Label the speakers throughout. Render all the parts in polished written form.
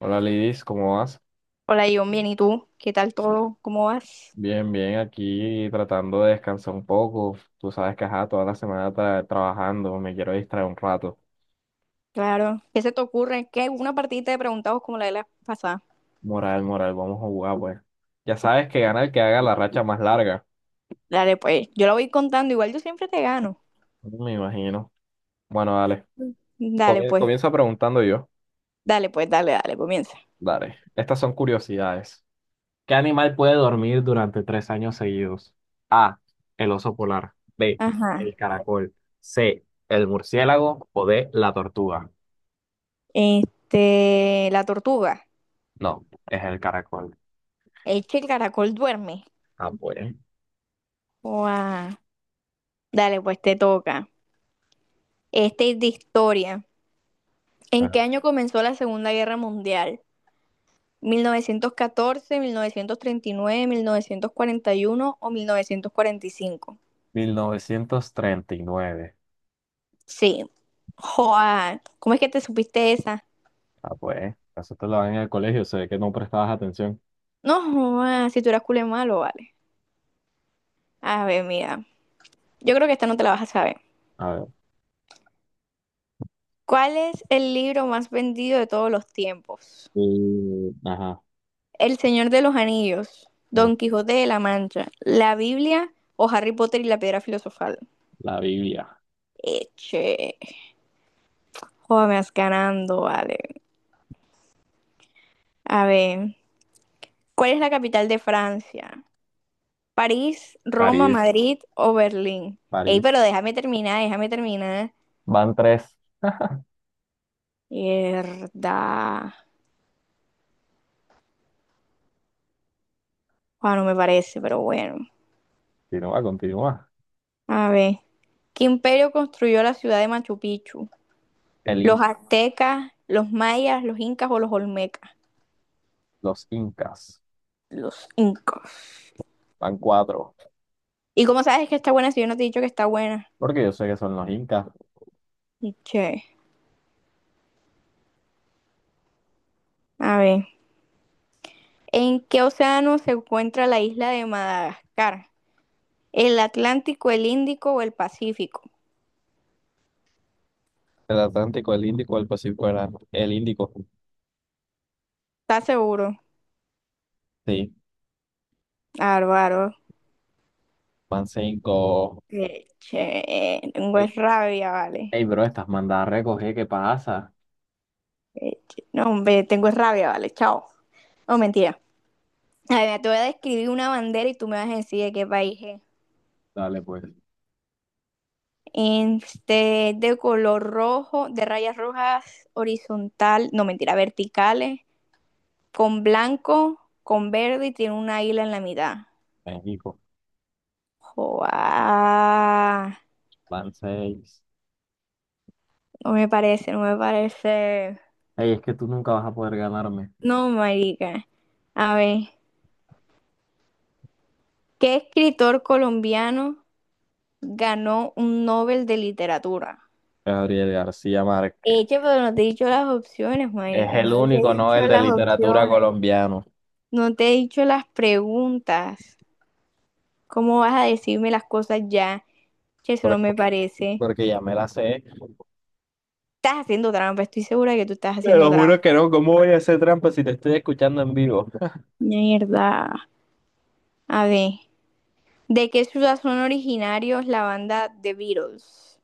Speaker 1: Hola Lidis, ¿cómo vas?
Speaker 2: Hola, Ion, bien, ¿y tú? ¿Qué tal todo? ¿Cómo vas?
Speaker 1: Bien, bien, aquí tratando de descansar un poco. Tú sabes que ajá, toda la semana trabajando, me quiero distraer un rato.
Speaker 2: Claro. ¿Qué se te ocurre? ¿Qué? Una partidita de preguntados como la de la pasada.
Speaker 1: Moral, moral, vamos a jugar, pues. Ya sabes que gana el que haga la racha más larga.
Speaker 2: Dale, pues. Yo la voy contando, igual yo siempre te gano.
Speaker 1: Me imagino. Bueno, dale.
Speaker 2: Dale, pues.
Speaker 1: Comienzo preguntando yo.
Speaker 2: Dale, pues, dale, dale, comienza.
Speaker 1: Dale. Estas son curiosidades. ¿Qué animal puede dormir durante 3 años seguidos? A. El oso polar. B.
Speaker 2: Ajá.
Speaker 1: El caracol. C. El murciélago. O D. La tortuga.
Speaker 2: Este, la tortuga.
Speaker 1: No, es el caracol.
Speaker 2: Es que el caracol duerme.
Speaker 1: Ah, pues.
Speaker 2: Guau. Dale, pues te toca. Este es de historia. ¿En
Speaker 1: Ah,
Speaker 2: qué año comenzó la Segunda Guerra Mundial? Mil novecientos catorce, 39, 1941 o 1945?
Speaker 1: 1939.
Speaker 2: Sí. Joa, ¿cómo es que te supiste esa?
Speaker 1: Ah, pues, eso te lo dan en el colegio, se ve que no prestabas atención.
Speaker 2: No, joa, si tú eras culé malo, vale. A ver, mira. Yo creo que esta no te la vas a saber.
Speaker 1: A ver.
Speaker 2: ¿Cuál es el libro más vendido de todos los tiempos?
Speaker 1: Ajá,
Speaker 2: El Señor de los Anillos,
Speaker 1: ah,
Speaker 2: Don Quijote de la Mancha, la Biblia o Harry Potter y la Piedra Filosofal.
Speaker 1: la Biblia.
Speaker 2: Eche. Joder, me vas ganando, vale. A ver, ¿cuál es la capital de Francia? ¿París, Roma,
Speaker 1: París,
Speaker 2: Madrid o Berlín? Ey,
Speaker 1: París.
Speaker 2: pero déjame terminar, déjame terminar.
Speaker 1: Van tres.
Speaker 2: Mierda. Ah, no me parece, pero bueno.
Speaker 1: Continúa, continúa.
Speaker 2: A ver. ¿Qué imperio construyó la ciudad de Machu Picchu?
Speaker 1: El
Speaker 2: ¿Los
Speaker 1: Inca,
Speaker 2: aztecas, los mayas, los incas o los olmecas?
Speaker 1: los Incas.
Speaker 2: Los incas.
Speaker 1: Van cuatro.
Speaker 2: ¿Y cómo sabes que está buena si yo no te he dicho que está buena?
Speaker 1: Porque yo sé que son los Incas.
Speaker 2: Che. A ver. ¿En qué océano se encuentra la isla de Madagascar? ¿El Atlántico, el Índico o el Pacífico?
Speaker 1: El Atlántico, el Índico, el Pacífico era el Índico.
Speaker 2: ¿Estás seguro?
Speaker 1: Sí,
Speaker 2: Álvaro.
Speaker 1: van cinco.
Speaker 2: Che, tengo
Speaker 1: Ey,
Speaker 2: es rabia, vale.
Speaker 1: ey, bro, estás mandada a recoger, ¿qué pasa?
Speaker 2: Eh, No, hombre, tengo rabia, vale, chao. No, mentira. A ver, te voy a describir una bandera y tú me vas a decir de qué país es.
Speaker 1: Dale, pues.
Speaker 2: Este, de color rojo, de rayas rojas, horizontal, no, mentira, verticales, con blanco, con verde y tiene una isla en la mitad.
Speaker 1: México,
Speaker 2: Joa,
Speaker 1: van seis.
Speaker 2: no me parece, no me parece.
Speaker 1: Ey, es que tú nunca vas a poder ganarme.
Speaker 2: No, marica. A ver, ¿qué escritor colombiano ganó un Nobel de literatura?
Speaker 1: Gabriel García Márquez.
Speaker 2: Eche, pero no te he dicho las opciones,
Speaker 1: Es
Speaker 2: marica,
Speaker 1: el
Speaker 2: no te
Speaker 1: único
Speaker 2: he dicho
Speaker 1: Nobel de
Speaker 2: las
Speaker 1: literatura
Speaker 2: opciones,
Speaker 1: colombiano.
Speaker 2: no te he dicho las preguntas. ¿Cómo vas a decirme las cosas ya? Che, eso no
Speaker 1: por-
Speaker 2: me parece.
Speaker 1: Porque ya me la sé.
Speaker 2: Estás haciendo trampa, estoy segura que tú estás
Speaker 1: Te
Speaker 2: haciendo
Speaker 1: lo juro
Speaker 2: trampa.
Speaker 1: que no. ¿Cómo voy a hacer trampa si te estoy escuchando en vivo?
Speaker 2: Mierda. A ver, ¿de qué ciudad son originarios la banda The Beatles?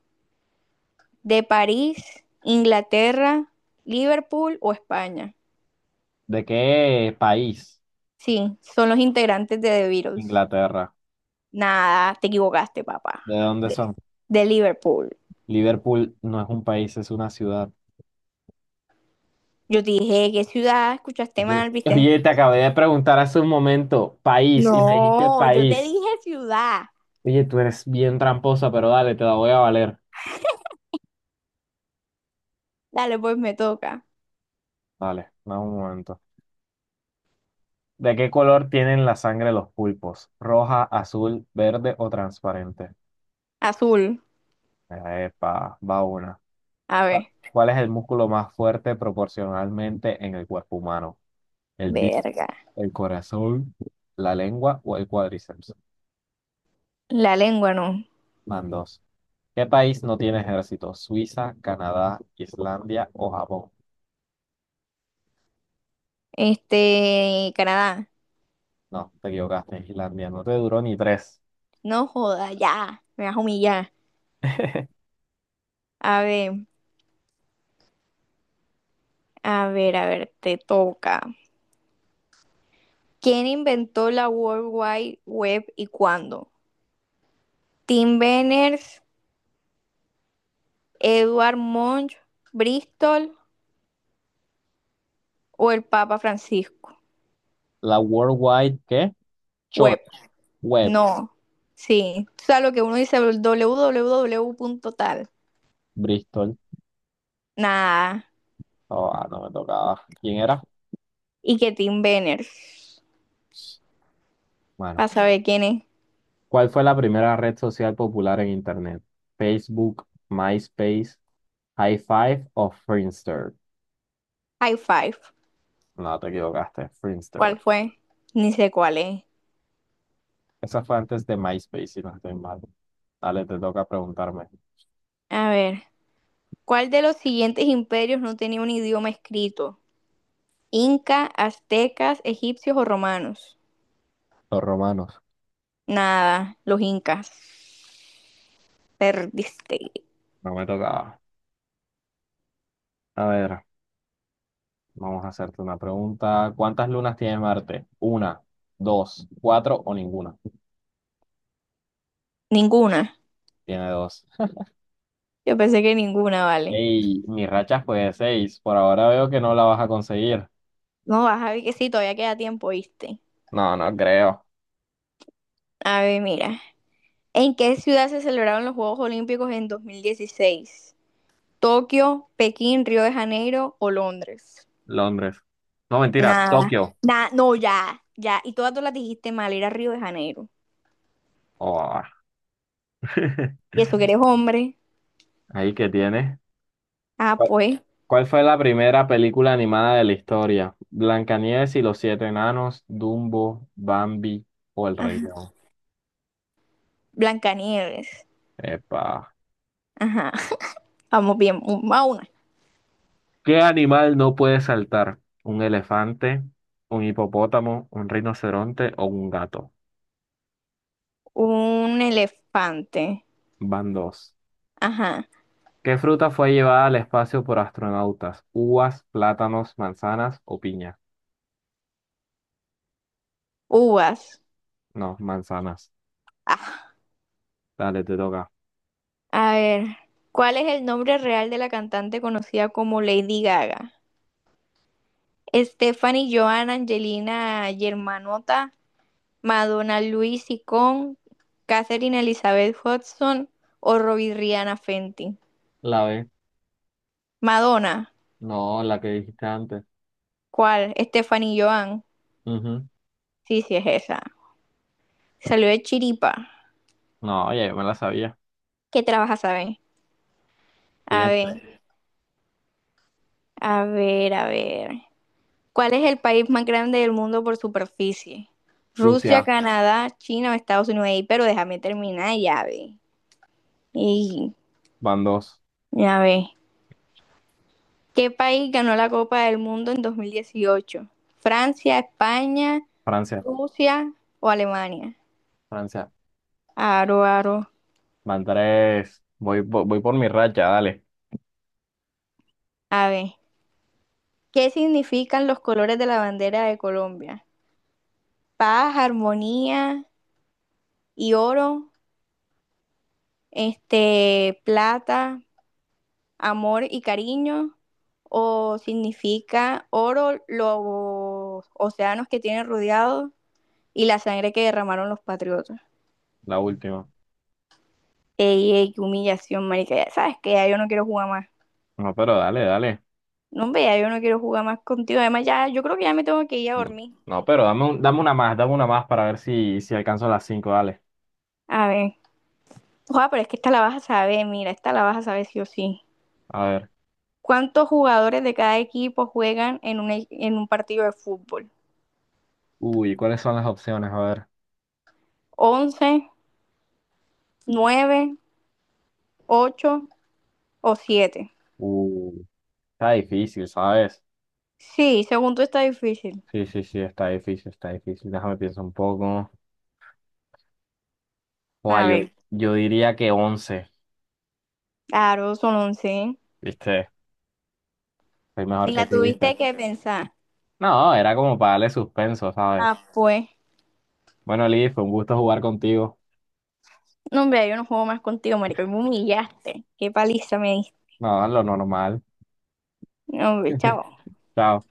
Speaker 2: ¿De París, Inglaterra, Liverpool o España?
Speaker 1: ¿De qué país?
Speaker 2: Sí, son los integrantes de The Beatles.
Speaker 1: Inglaterra.
Speaker 2: Nada, te equivocaste, papá.
Speaker 1: ¿De dónde
Speaker 2: De,
Speaker 1: son?
Speaker 2: de Liverpool.
Speaker 1: Liverpool no es un país, es una ciudad.
Speaker 2: Yo te dije, ¿qué ciudad? Escuchaste
Speaker 1: Yo,
Speaker 2: mal, ¿viste?
Speaker 1: oye, te acabé de preguntar hace un momento, país, y me dijiste
Speaker 2: No, yo te
Speaker 1: país.
Speaker 2: dije ciudad.
Speaker 1: Oye, tú eres bien tramposa, pero dale, te la voy a valer.
Speaker 2: Dale, pues me toca.
Speaker 1: Dale, dame un momento. ¿De qué color tienen la sangre los pulpos? ¿Roja, azul, verde o transparente?
Speaker 2: Azul.
Speaker 1: Epa, va una.
Speaker 2: A ver.
Speaker 1: ¿Cuál es el músculo más fuerte proporcionalmente en el cuerpo humano? ¿El bíceps,
Speaker 2: Verga.
Speaker 1: el corazón, la lengua o el cuádriceps?
Speaker 2: La lengua no.
Speaker 1: Van dos. ¿Qué país no tiene ejército? ¿Suiza, Canadá, Islandia o Japón?
Speaker 2: Este, Canadá.
Speaker 1: No, te equivocaste, Islandia. No te duró ni tres.
Speaker 2: No joda, ya. Me vas a humillar. A ver, a ver, a ver, te toca. ¿Quién inventó la World Wide Web y cuándo? Tim Berners, Edward Munch, Bristol o el Papa Francisco.
Speaker 1: La worldwide ¿qué?
Speaker 2: Web,
Speaker 1: Church, Web,
Speaker 2: no. Sí, o sea, lo que uno dice, doble u doble u doble u punto tal
Speaker 1: Bristol.
Speaker 2: nada.
Speaker 1: Oh, ah, no me tocaba. ¿Quién era?
Speaker 2: Y que Tim Benners, para
Speaker 1: Bueno.
Speaker 2: saber quién es.
Speaker 1: ¿Cuál fue la primera red social popular en Internet? ¿Facebook, MySpace, High Five o Friendster?
Speaker 2: High five,
Speaker 1: No, te equivocaste, Friendster.
Speaker 2: ¿cuál fue? Ni sé cuál es.
Speaker 1: Esa fue antes de MySpace, si no estoy mal. Dale, te toca preguntarme.
Speaker 2: A ver, ¿cuál de los siguientes imperios no tenía un idioma escrito? Inca, aztecas, egipcios o romanos.
Speaker 1: Los romanos.
Speaker 2: Nada, los incas. Perdiste.
Speaker 1: No me tocaba. A ver, vamos a hacerte una pregunta. ¿Cuántas lunas tiene Marte? ¿Una, dos, cuatro o ninguna?
Speaker 2: Ninguna.
Speaker 1: Tiene dos.
Speaker 2: Yo pensé que ninguna, vale.
Speaker 1: Ey, mi racha fue de seis. Por ahora veo que no la vas a conseguir.
Speaker 2: No, vas a ver que sí, todavía queda tiempo, viste.
Speaker 1: No, no creo.
Speaker 2: A ver, mira. ¿En qué ciudad se celebraron los Juegos Olímpicos en 2016? ¿Tokio, Pekín, Río de Janeiro o Londres?
Speaker 1: Londres. No, mentira,
Speaker 2: Nada,
Speaker 1: Tokio.
Speaker 2: nada, no, ya, ya. Y todas tú las dijiste mal, era Río de Janeiro.
Speaker 1: Oh,
Speaker 2: ¿Y eso que eres hombre?
Speaker 1: ahí que tiene.
Speaker 2: Ah,
Speaker 1: ¿Cuál
Speaker 2: pues.
Speaker 1: cuál fue la primera película animada de la historia? ¿Blancanieves y los siete enanos, Dumbo, Bambi o El Rey
Speaker 2: Ajá.
Speaker 1: León?
Speaker 2: Blancanieves.
Speaker 1: Epa.
Speaker 2: Ajá. Vamos bien. Va una.
Speaker 1: ¿Qué animal no puede saltar? ¿Un elefante, un hipopótamo, un rinoceronte o un gato?
Speaker 2: Un elefante.
Speaker 1: Van dos.
Speaker 2: Ajá.
Speaker 1: ¿Qué fruta fue llevada al espacio por astronautas? ¿Uvas, plátanos, manzanas o piña?
Speaker 2: Uvas.
Speaker 1: No, manzanas.
Speaker 2: Ah.
Speaker 1: Dale, te toca.
Speaker 2: A ver. ¿Cuál es el nombre real de la cantante conocida como Lady Gaga? Stephanie, Joan, Angelina, Germanota, Madonna, Luis Sicón, Catherine Elizabeth Hudson o Robbie Rihanna Fenty.
Speaker 1: La B.
Speaker 2: Madonna,
Speaker 1: No, la que dijiste antes.
Speaker 2: ¿cuál? Stephanie Joan.
Speaker 1: Ujú.
Speaker 2: Sí, sí es esa. Salió de Chiripa.
Speaker 1: No, oye, yo me la sabía.
Speaker 2: ¿Qué trabaja, saben? A
Speaker 1: Siguiente.
Speaker 2: ver, a ver, a ver. ¿Cuál es el país más grande del mundo por superficie? Rusia,
Speaker 1: Rusia,
Speaker 2: Canadá, China o Estados Unidos. Ey, pero déjame terminar, ya ve. Y
Speaker 1: van dos.
Speaker 2: ya ve. ¿Qué país ganó la Copa del Mundo en 2018? ¿Francia, España,
Speaker 1: Francia,
Speaker 2: Rusia o Alemania?
Speaker 1: Francia,
Speaker 2: Aro, aro.
Speaker 1: van tres. Voy por mi racha, dale.
Speaker 2: A ver, ¿qué significan los colores de la bandera de Colombia? Paz, armonía y oro, este, plata, amor y cariño, o significa oro, los océanos que tienen rodeados y la sangre que derramaron los patriotas.
Speaker 1: La última.
Speaker 2: Ey, ey, qué humillación, marica. Ya sabes que ya yo no quiero jugar más.
Speaker 1: No, pero dale, dale.
Speaker 2: No, hombre, ya yo no quiero jugar más contigo. Además, ya, yo creo que ya me tengo que ir a
Speaker 1: No,
Speaker 2: dormir.
Speaker 1: no, pero dame, dame una más para ver si, si alcanzo las cinco, dale.
Speaker 2: A ver. Ojalá, pero es que esta la vas a saber, mira, esta la vas a saber sí o sí.
Speaker 1: A ver.
Speaker 2: ¿Cuántos jugadores de cada equipo juegan en un partido de fútbol?
Speaker 1: Uy, ¿cuáles son las opciones? A ver.
Speaker 2: 11, 9, 8 o 7.
Speaker 1: Uh, está difícil, ¿sabes?
Speaker 2: Sí, según tú está difícil.
Speaker 1: Sí, sí, sí, está difícil, está difícil. Déjame pensar un poco. Buah,
Speaker 2: A
Speaker 1: yo,
Speaker 2: ver,
Speaker 1: yo diría que 11,
Speaker 2: claro, son 11.
Speaker 1: ¿viste? Soy
Speaker 2: Ni
Speaker 1: mejor que
Speaker 2: la
Speaker 1: tú, ¿viste?
Speaker 2: tuviste que pensar.
Speaker 1: No, era como para darle suspenso, ¿sabes?
Speaker 2: Ah, pues.
Speaker 1: Bueno, Liz, fue un gusto jugar contigo.
Speaker 2: No, hombre, yo no juego más contigo, marico. Y me humillaste. Qué paliza me diste.
Speaker 1: No, lo normal.
Speaker 2: No, hombre, chao.
Speaker 1: Chao.